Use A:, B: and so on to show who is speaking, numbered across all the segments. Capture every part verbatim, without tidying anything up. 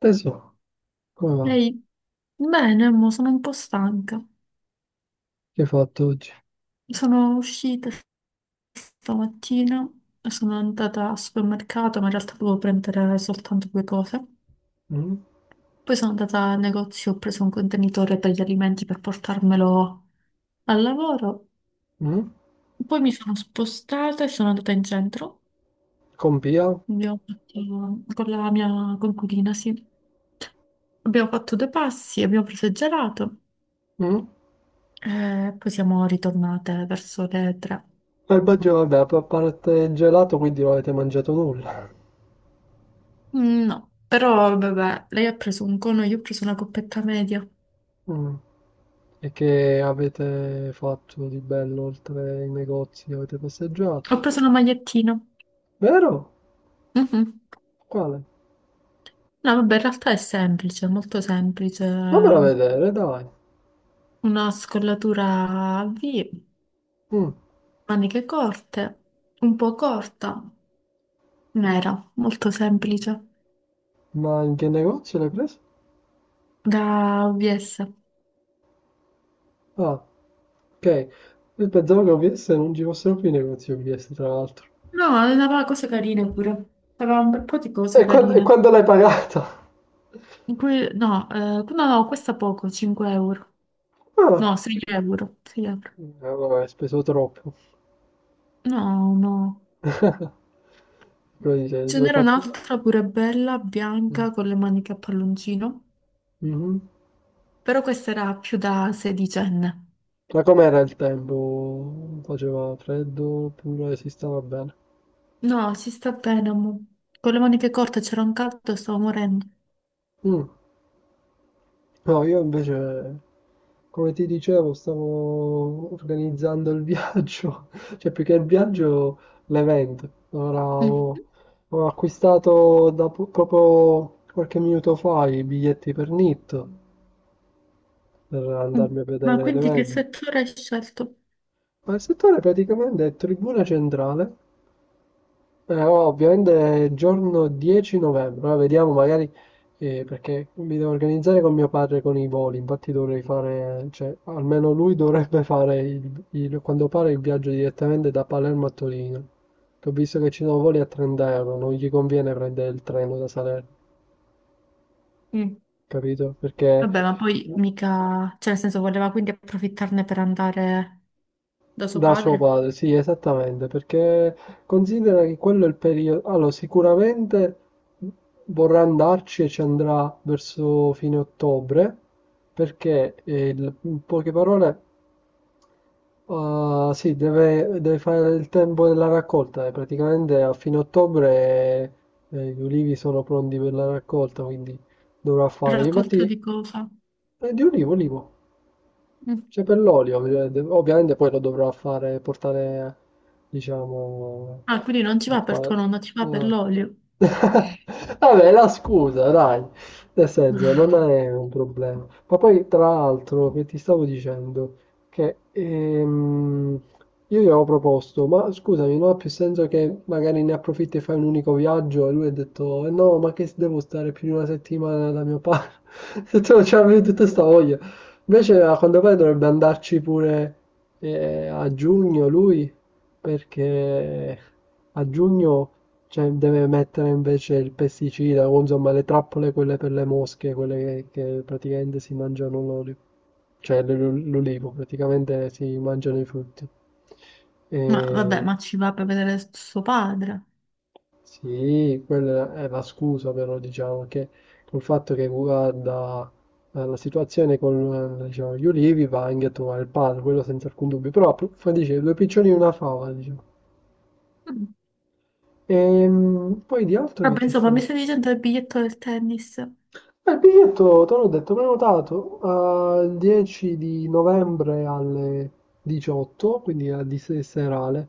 A: Tesoro, come va?
B: Ehi, bene, mo sono un po' stanca.
A: Che hai fatto oggi?
B: Sono uscita stamattina, sono andata al supermercato, ma in realtà dovevo prendere soltanto due cose.
A: Mm?
B: Poi sono andata al negozio, ho preso un contenitore per gli alimenti per portarmelo al lavoro.
A: Mm?
B: Poi mi sono spostata e sono andata in centro.
A: Con Pia?
B: Abbiamo fatto, con la mia coinquilina, sì. Abbiamo fatto due passi, abbiamo preso il gelato
A: Mm?
B: e poi siamo ritornate verso le tre.
A: Il Baggio, vabbè, a parte il gelato, quindi non avete mangiato nulla.
B: Mm, No, però vabbè, lei ha preso un cono, io ho preso una coppetta media.
A: Mm. E che avete fatto di bello oltre ai negozi? Avete passeggiato?
B: Ho preso una magliettina.
A: Vero?
B: Mhm.
A: Quale?
B: No, vabbè, in realtà è semplice, molto semplice.
A: Fammelo
B: Una
A: vedere, dai.
B: scollatura a V,
A: Mm.
B: maniche corte, un po' corta, nera, molto semplice,
A: Ma in che negozio l'hai preso?
B: da O V S.
A: Ah, ok. Io pensavo che O V S non ci fossero più i negozi O V S, tra l'altro.
B: No, aveva cose carine pure. Aveva un bel po' di
A: E
B: cose
A: quando, e
B: carine.
A: quando l'hai pagato?
B: In cui- no, eh, no, no, questa poco, cinque euro.
A: Ah,
B: No, sei euro, sei euro.
A: eh, vabbè, hai speso troppo.
B: No, no. Ce
A: Dove hai
B: n'era
A: fatto?
B: un'altra pure bella,
A: Mh.
B: bianca, con le maniche a palloncino,
A: Mh-mh.
B: però questa era più da sedicenne.
A: Ma com'era il tempo? Faceva freddo oppure si stava bene?
B: No, si sta bene, amore. Con le maniche corte c'era un caldo, stavo morendo.
A: Mh. No, io invece, come ti dicevo, stavo organizzando il viaggio, cioè più che il viaggio, l'evento. Ora ho,
B: Mhm.
A: ho acquistato da po- proprio qualche minuto fa i biglietti per N I T per
B: Mm.
A: andarmi a
B: Ma
A: vedere
B: quindi che
A: l'evento.
B: settore hai scelto?
A: Ma il settore praticamente è Tribuna Centrale. Eh, oh, ovviamente è giorno dieci novembre, ora vediamo magari, eh, perché mi devo organizzare con mio padre con i voli. Infatti dovrei fare, cioè almeno lui dovrebbe fare il- il- quando pare il viaggio direttamente da Palermo a Torino, che ho visto che ci sono voli a trenta euro, non gli conviene prendere il treno da Salerno,
B: Mm.
A: capito? Perché...
B: Vabbè, ma poi mica, cioè nel senso voleva quindi approfittarne per andare da suo
A: Da suo
B: padre.
A: padre, sì, esattamente, perché considera che quello è il periodo. Allora, sicuramente vorrà andarci e ci andrà verso fine ottobre, perché eh, il- in poche parole, ah, sì, deve, deve fare il tempo della raccolta. E praticamente a fine ottobre eh, gli ulivi sono pronti per la raccolta, quindi dovrà fare. Di olivo?
B: Raccolta
A: Infatti,
B: di cosa?
A: eh, di ulivo, ulivo.
B: Mm.
A: C'è per l'olio, ovviamente ovviamente poi lo dovrò fare, portare, diciamo,
B: Ah, quindi non ci
A: a
B: va per
A: fare...
B: tuo nonno, ci va per
A: No.
B: l'olio.
A: Vabbè, la scusa, dai, nel senso, non è un problema. Ma poi, tra l'altro, che ti stavo dicendo, che ehm, io gli avevo proposto, ma scusami, non ha più senso che magari ne approfitti e fai un unico viaggio? E lui ha detto, "Eh no, ma che devo stare più di una settimana da mio padre? Se tu non c'avevi tutta sta voglia." Invece a quanto pare dovrebbe andarci pure eh, a giugno lui, perché a giugno cioè, deve mettere invece il pesticida o insomma le trappole quelle per le mosche, quelle che, che praticamente si mangiano l'olio, cioè l'ol- l'olivo, praticamente si mangiano i frutti. E...
B: Mm. Ma vabbè, ma ci va per vedere suo padre.
A: Sì, quella è la scusa però diciamo che col fatto che guarda, eh, la situazione con eh, diciamo, gli ulivi, va anche a trovare il padre, quello senza alcun dubbio, però appunto, dice due piccioni e una fava, diciamo. Ehm, poi di altro che
B: Vabbè,
A: ti
B: insomma,
A: sta?
B: mi stai dicendo il biglietto del tennis.
A: Eh, il biglietto, te l'ho detto, prenotato al dieci di novembre alle diciotto, quindi a di se- serale.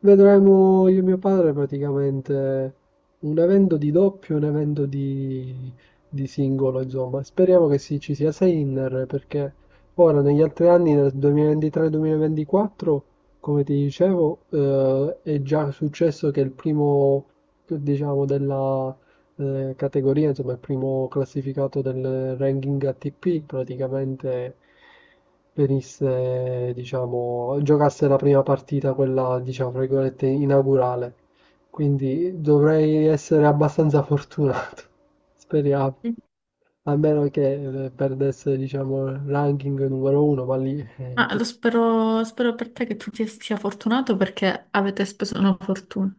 A: Vedremo io e mio padre praticamente un evento di doppio e un evento di, di singolo, insomma. Speriamo che si- ci sia Sinner, perché ora negli altri anni, nel duemilaventitré-duemilaventiquattro, come ti dicevo, eh, è già successo che il primo, diciamo, della eh, categoria, insomma, il primo classificato del ranking A T P praticamente venisse, diciamo, giocasse la prima partita, quella, diciamo, fra virgolette, inaugurale. Quindi dovrei essere abbastanza fortunato, speriamo. A meno che eh, perdesse, diciamo, il ranking numero uno, ma lì... Eh,
B: Ma
A: che-
B: lo spero, spero per te che tu ti sia fortunato perché avete speso una fortuna.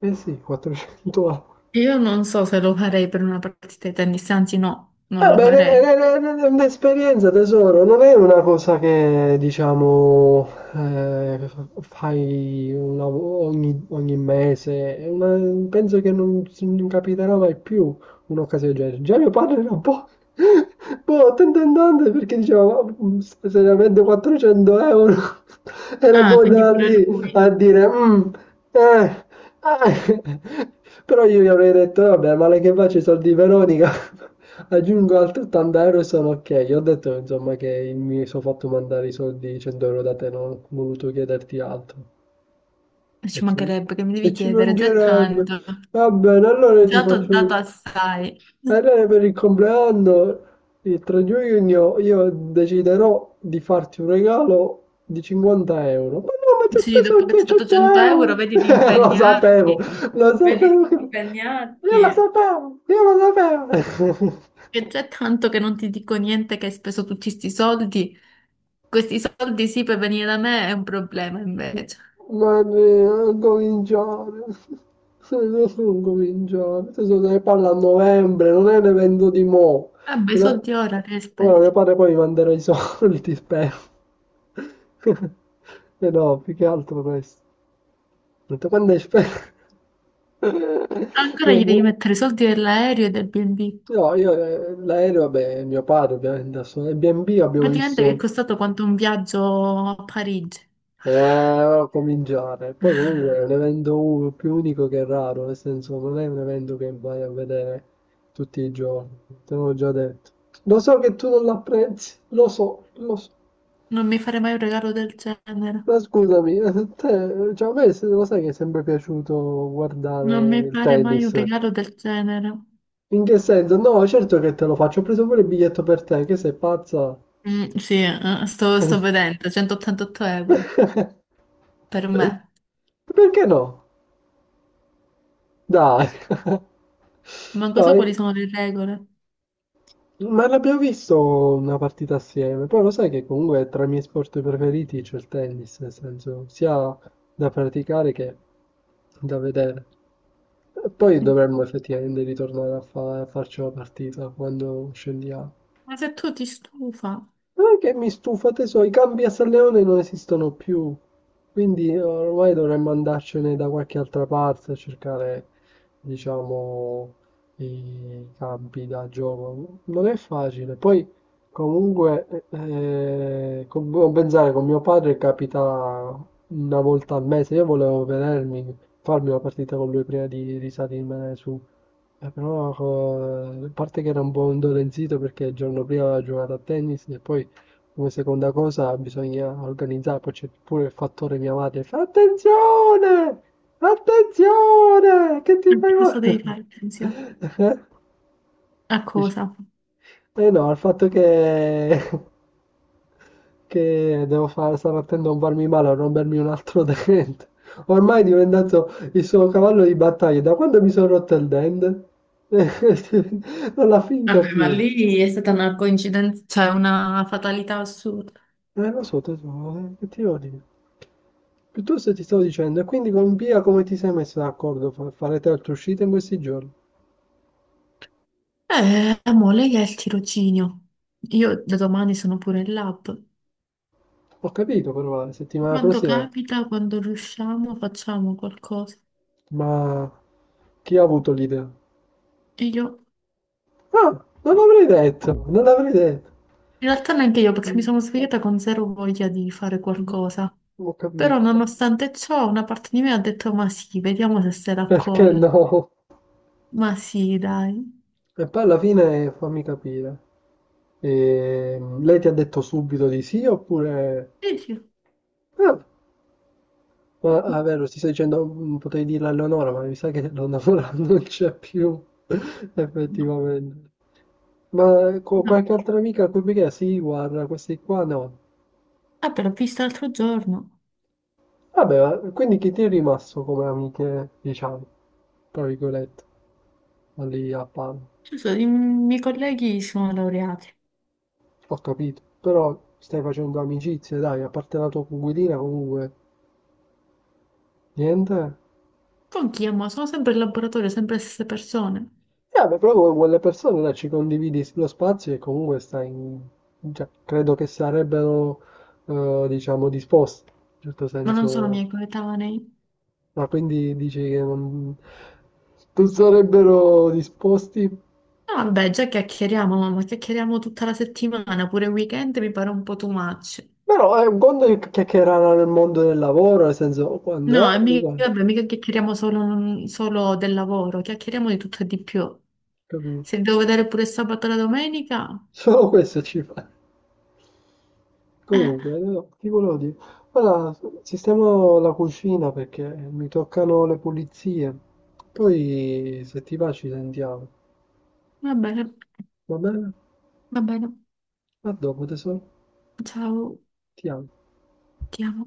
A: eh sì, quattrocento A.
B: Io non so se lo farei per una partita di tennis, anzi no, non lo
A: Vabbè, è è-
B: farei.
A: è- è- è un'esperienza, tesoro, non è una cosa che diciamo eh, fai una- ogni, ogni mese, è una- penso che non, non capiterà mai più. Un'occasione del genere. Già mio padre era un po'... boh, attento andante, perché diceva, "Ma, se seriamente quattrocento euro?" Era un
B: Ah,
A: po'
B: quindi
A: da
B: pure
A: lì a
B: lui.
A: dire, "Mm, eh, eh". Però io gli avrei detto, vabbè, male che faccio i soldi di Veronica, aggiungo altri ottanta euro e sono ok. Gli ho detto, insomma, che mi sono fatto mandare i soldi cento euro da te, non ho voluto chiederti altro.
B: Eh,
A: E
B: Ci
A: ci,
B: mancherebbe che mi
A: e
B: devi
A: ci
B: chiedere, già è
A: mancherebbe.
B: tanto.
A: Va bene, allora io ti
B: Già ti ho
A: faccio...
B: dato assai.
A: Allora per il compleanno, il tre giugno, io deciderò di farti un regalo di cinquanta euro. Ma no, ma ti ho
B: Sì, dopo
A: speso
B: che ti ho dato
A: 200
B: cento euro,
A: euro!
B: vedi di
A: Lo sapevo,
B: impegnarti.
A: lo
B: Vedi
A: sapevo,
B: di
A: che- io lo
B: impegnarti.
A: sapevo, io lo sapevo.
B: Che già è tanto che non ti dico niente che hai speso tutti questi soldi, questi soldi sì per venire da me è un problema invece.
A: Ma ne- non cominciare. Non non cominciare. Adesso se ne parla a novembre, non è un evento di mo'.
B: Vabbè, i
A: E la-
B: soldi ora che hai
A: Ora mio
B: speso.
A: padre poi mi manderà i soldi, spero. E no, più che altro questo. Ho detto, quando è spero?
B: Ancora
A: No,
B: gli devi
A: mo-
B: mettere i soldi dell'aereo e del bi e bi.
A: no, io eh, l'aereo, vabbè, mio padre ovviamente, adesso, e B and B abbiamo
B: Praticamente vi è
A: visto,
B: costato quanto un viaggio a Parigi.
A: eh, cominciare. Poi comunque è un evento u- più unico che raro, nel senso non è un evento che vai a vedere tutti i giorni, te l'ho già detto. Lo so che tu non l'apprezzi, lo so, lo so.
B: Non mi fare mai un regalo del genere.
A: Ma scusami, te, cioè a me se- lo sai che è sempre piaciuto
B: Non mi
A: guardare il
B: fare mai un
A: tennis.
B: regalo del genere.
A: In che senso? No, certo che te lo faccio, ho preso pure il biglietto per te, che sei pazza.
B: Mm, sì, eh, sto, sto vedendo, centottantotto euro per me.
A: Perché no? Dai.
B: Manco so
A: Dai.
B: quali sono le regole.
A: Ma l'abbiamo visto una partita assieme, poi lo sai che comunque tra i miei sport preferiti c'è il tennis, nel senso sia da praticare che da vedere. E poi
B: Mm.
A: dovremmo effettivamente ritornare a, fa- a farci una partita quando scendiamo.
B: Ma se tu ti stufa.
A: Non è che mi stufa, tesoro, i campi a San Leone non esistono più, quindi eh, ormai dovremmo andarcene da qualche altra parte a cercare, diciamo, i campi da gioco. Non è facile. Poi, comunque, eh, con- devo pensare, con mio padre capita una volta al mese, io volevo vedermi, farmi una partita con lui prima di risalirmene su. Eh, però co- a parte che era un po' indolenzito perché il giorno prima aveva giocato a tennis e poi come seconda cosa bisogna organizzare, poi c'è pure il fattore mia madre, fa attenzione, attenzione, che ti fai
B: Cosa devi
A: male?
B: fare, Cinzia?
A: Eh,
B: A
A: dici,
B: cosa?
A: "Eh no, il fatto che, che devo fare, stare attento a non farmi male, a rompermi un altro dente, ormai è diventato il suo cavallo di battaglia, da quando mi sono rotto il dente? Non l'ha finto
B: Vabbè, ma
A: più."
B: lì è stata una coincidenza, cioè una fatalità assurda.
A: Eh, lo so, tesoro, eh, che ti devo dire? Piuttosto ti stavo dicendo, e quindi con Pia come ti sei messo d'accordo? Fa- Farete altre uscite in questi giorni?
B: Eh, amore, lei è il tirocinio. Io da domani sono pure in lab.
A: Ho capito, però, la settimana
B: Quando
A: prossima,
B: capita, quando riusciamo, facciamo qualcosa.
A: ma chi ha avuto l'idea?
B: E io,
A: Ah, non l'avrei detto, non l'avrei detto.
B: in realtà neanche io, perché mi
A: Mm,
B: sono svegliata con zero voglia di fare
A: mm,
B: qualcosa.
A: ho
B: Però,
A: capito.
B: nonostante ciò, una parte di me ha detto: ma sì, vediamo se se la
A: Perché
B: colla.
A: no?
B: Ma sì, dai.
A: E poi alla fine fammi capire. Ehm, lei ti ha detto subito di sì oppure...
B: E io,
A: Ah, ma ah, vero, ti sto dicendo, mm, potrei dirlo a Leonora, ma mi sa che Leonora non c'è più,
B: no,
A: effettivamente. Ma eh, co-
B: no.
A: qualche altra amica a cui perché? Sì, guarda, questi qua no.
B: Ah, però l'ho visto l'altro giorno.
A: Vabbè, ma quindi chi ti è rimasto come amiche, diciamo, tra virgolette, lì a Palma?
B: Ci sono- i miei colleghi sono laureati.
A: Ho capito, però stai facendo amicizie, dai, a parte la tua coinquilina comunque, niente?
B: Con chi amo? Sono sempre in laboratorio, sempre le stesse persone,
A: E vabbè, proprio con quelle persone là ci condividi lo spazio e comunque stai in... cioè, credo che sarebbero, eh, diciamo, disposti, in un certo
B: ma non sono
A: senso.
B: miei coetanei.
A: Ma quindi dici che non, non sarebbero disposti?
B: No, vabbè, già chiacchieriamo, ma ma chiacchieriamo tutta la settimana, pure il weekend mi pare un po' too much.
A: Però è un conto che chiacchierare nel mondo del lavoro, nel senso, quando
B: No,
A: è,
B: e mica,
A: uguale,
B: vabbè, mica chiacchieriamo solo, solo del lavoro, chiacchieriamo di tutto e di più.
A: capito?
B: Se devo vedere pure sabato e la domenica,
A: Solo questo ci fa.
B: eh,
A: Comunque, no, ti volevo dire, ora sistemo la cucina perché mi toccano le pulizie. Poi, se ti va, ci sentiamo.
B: va bene,
A: Va bene?
B: va bene.
A: A dopo, tesoro.
B: Ciao,
A: Ti amo.
B: ti amo.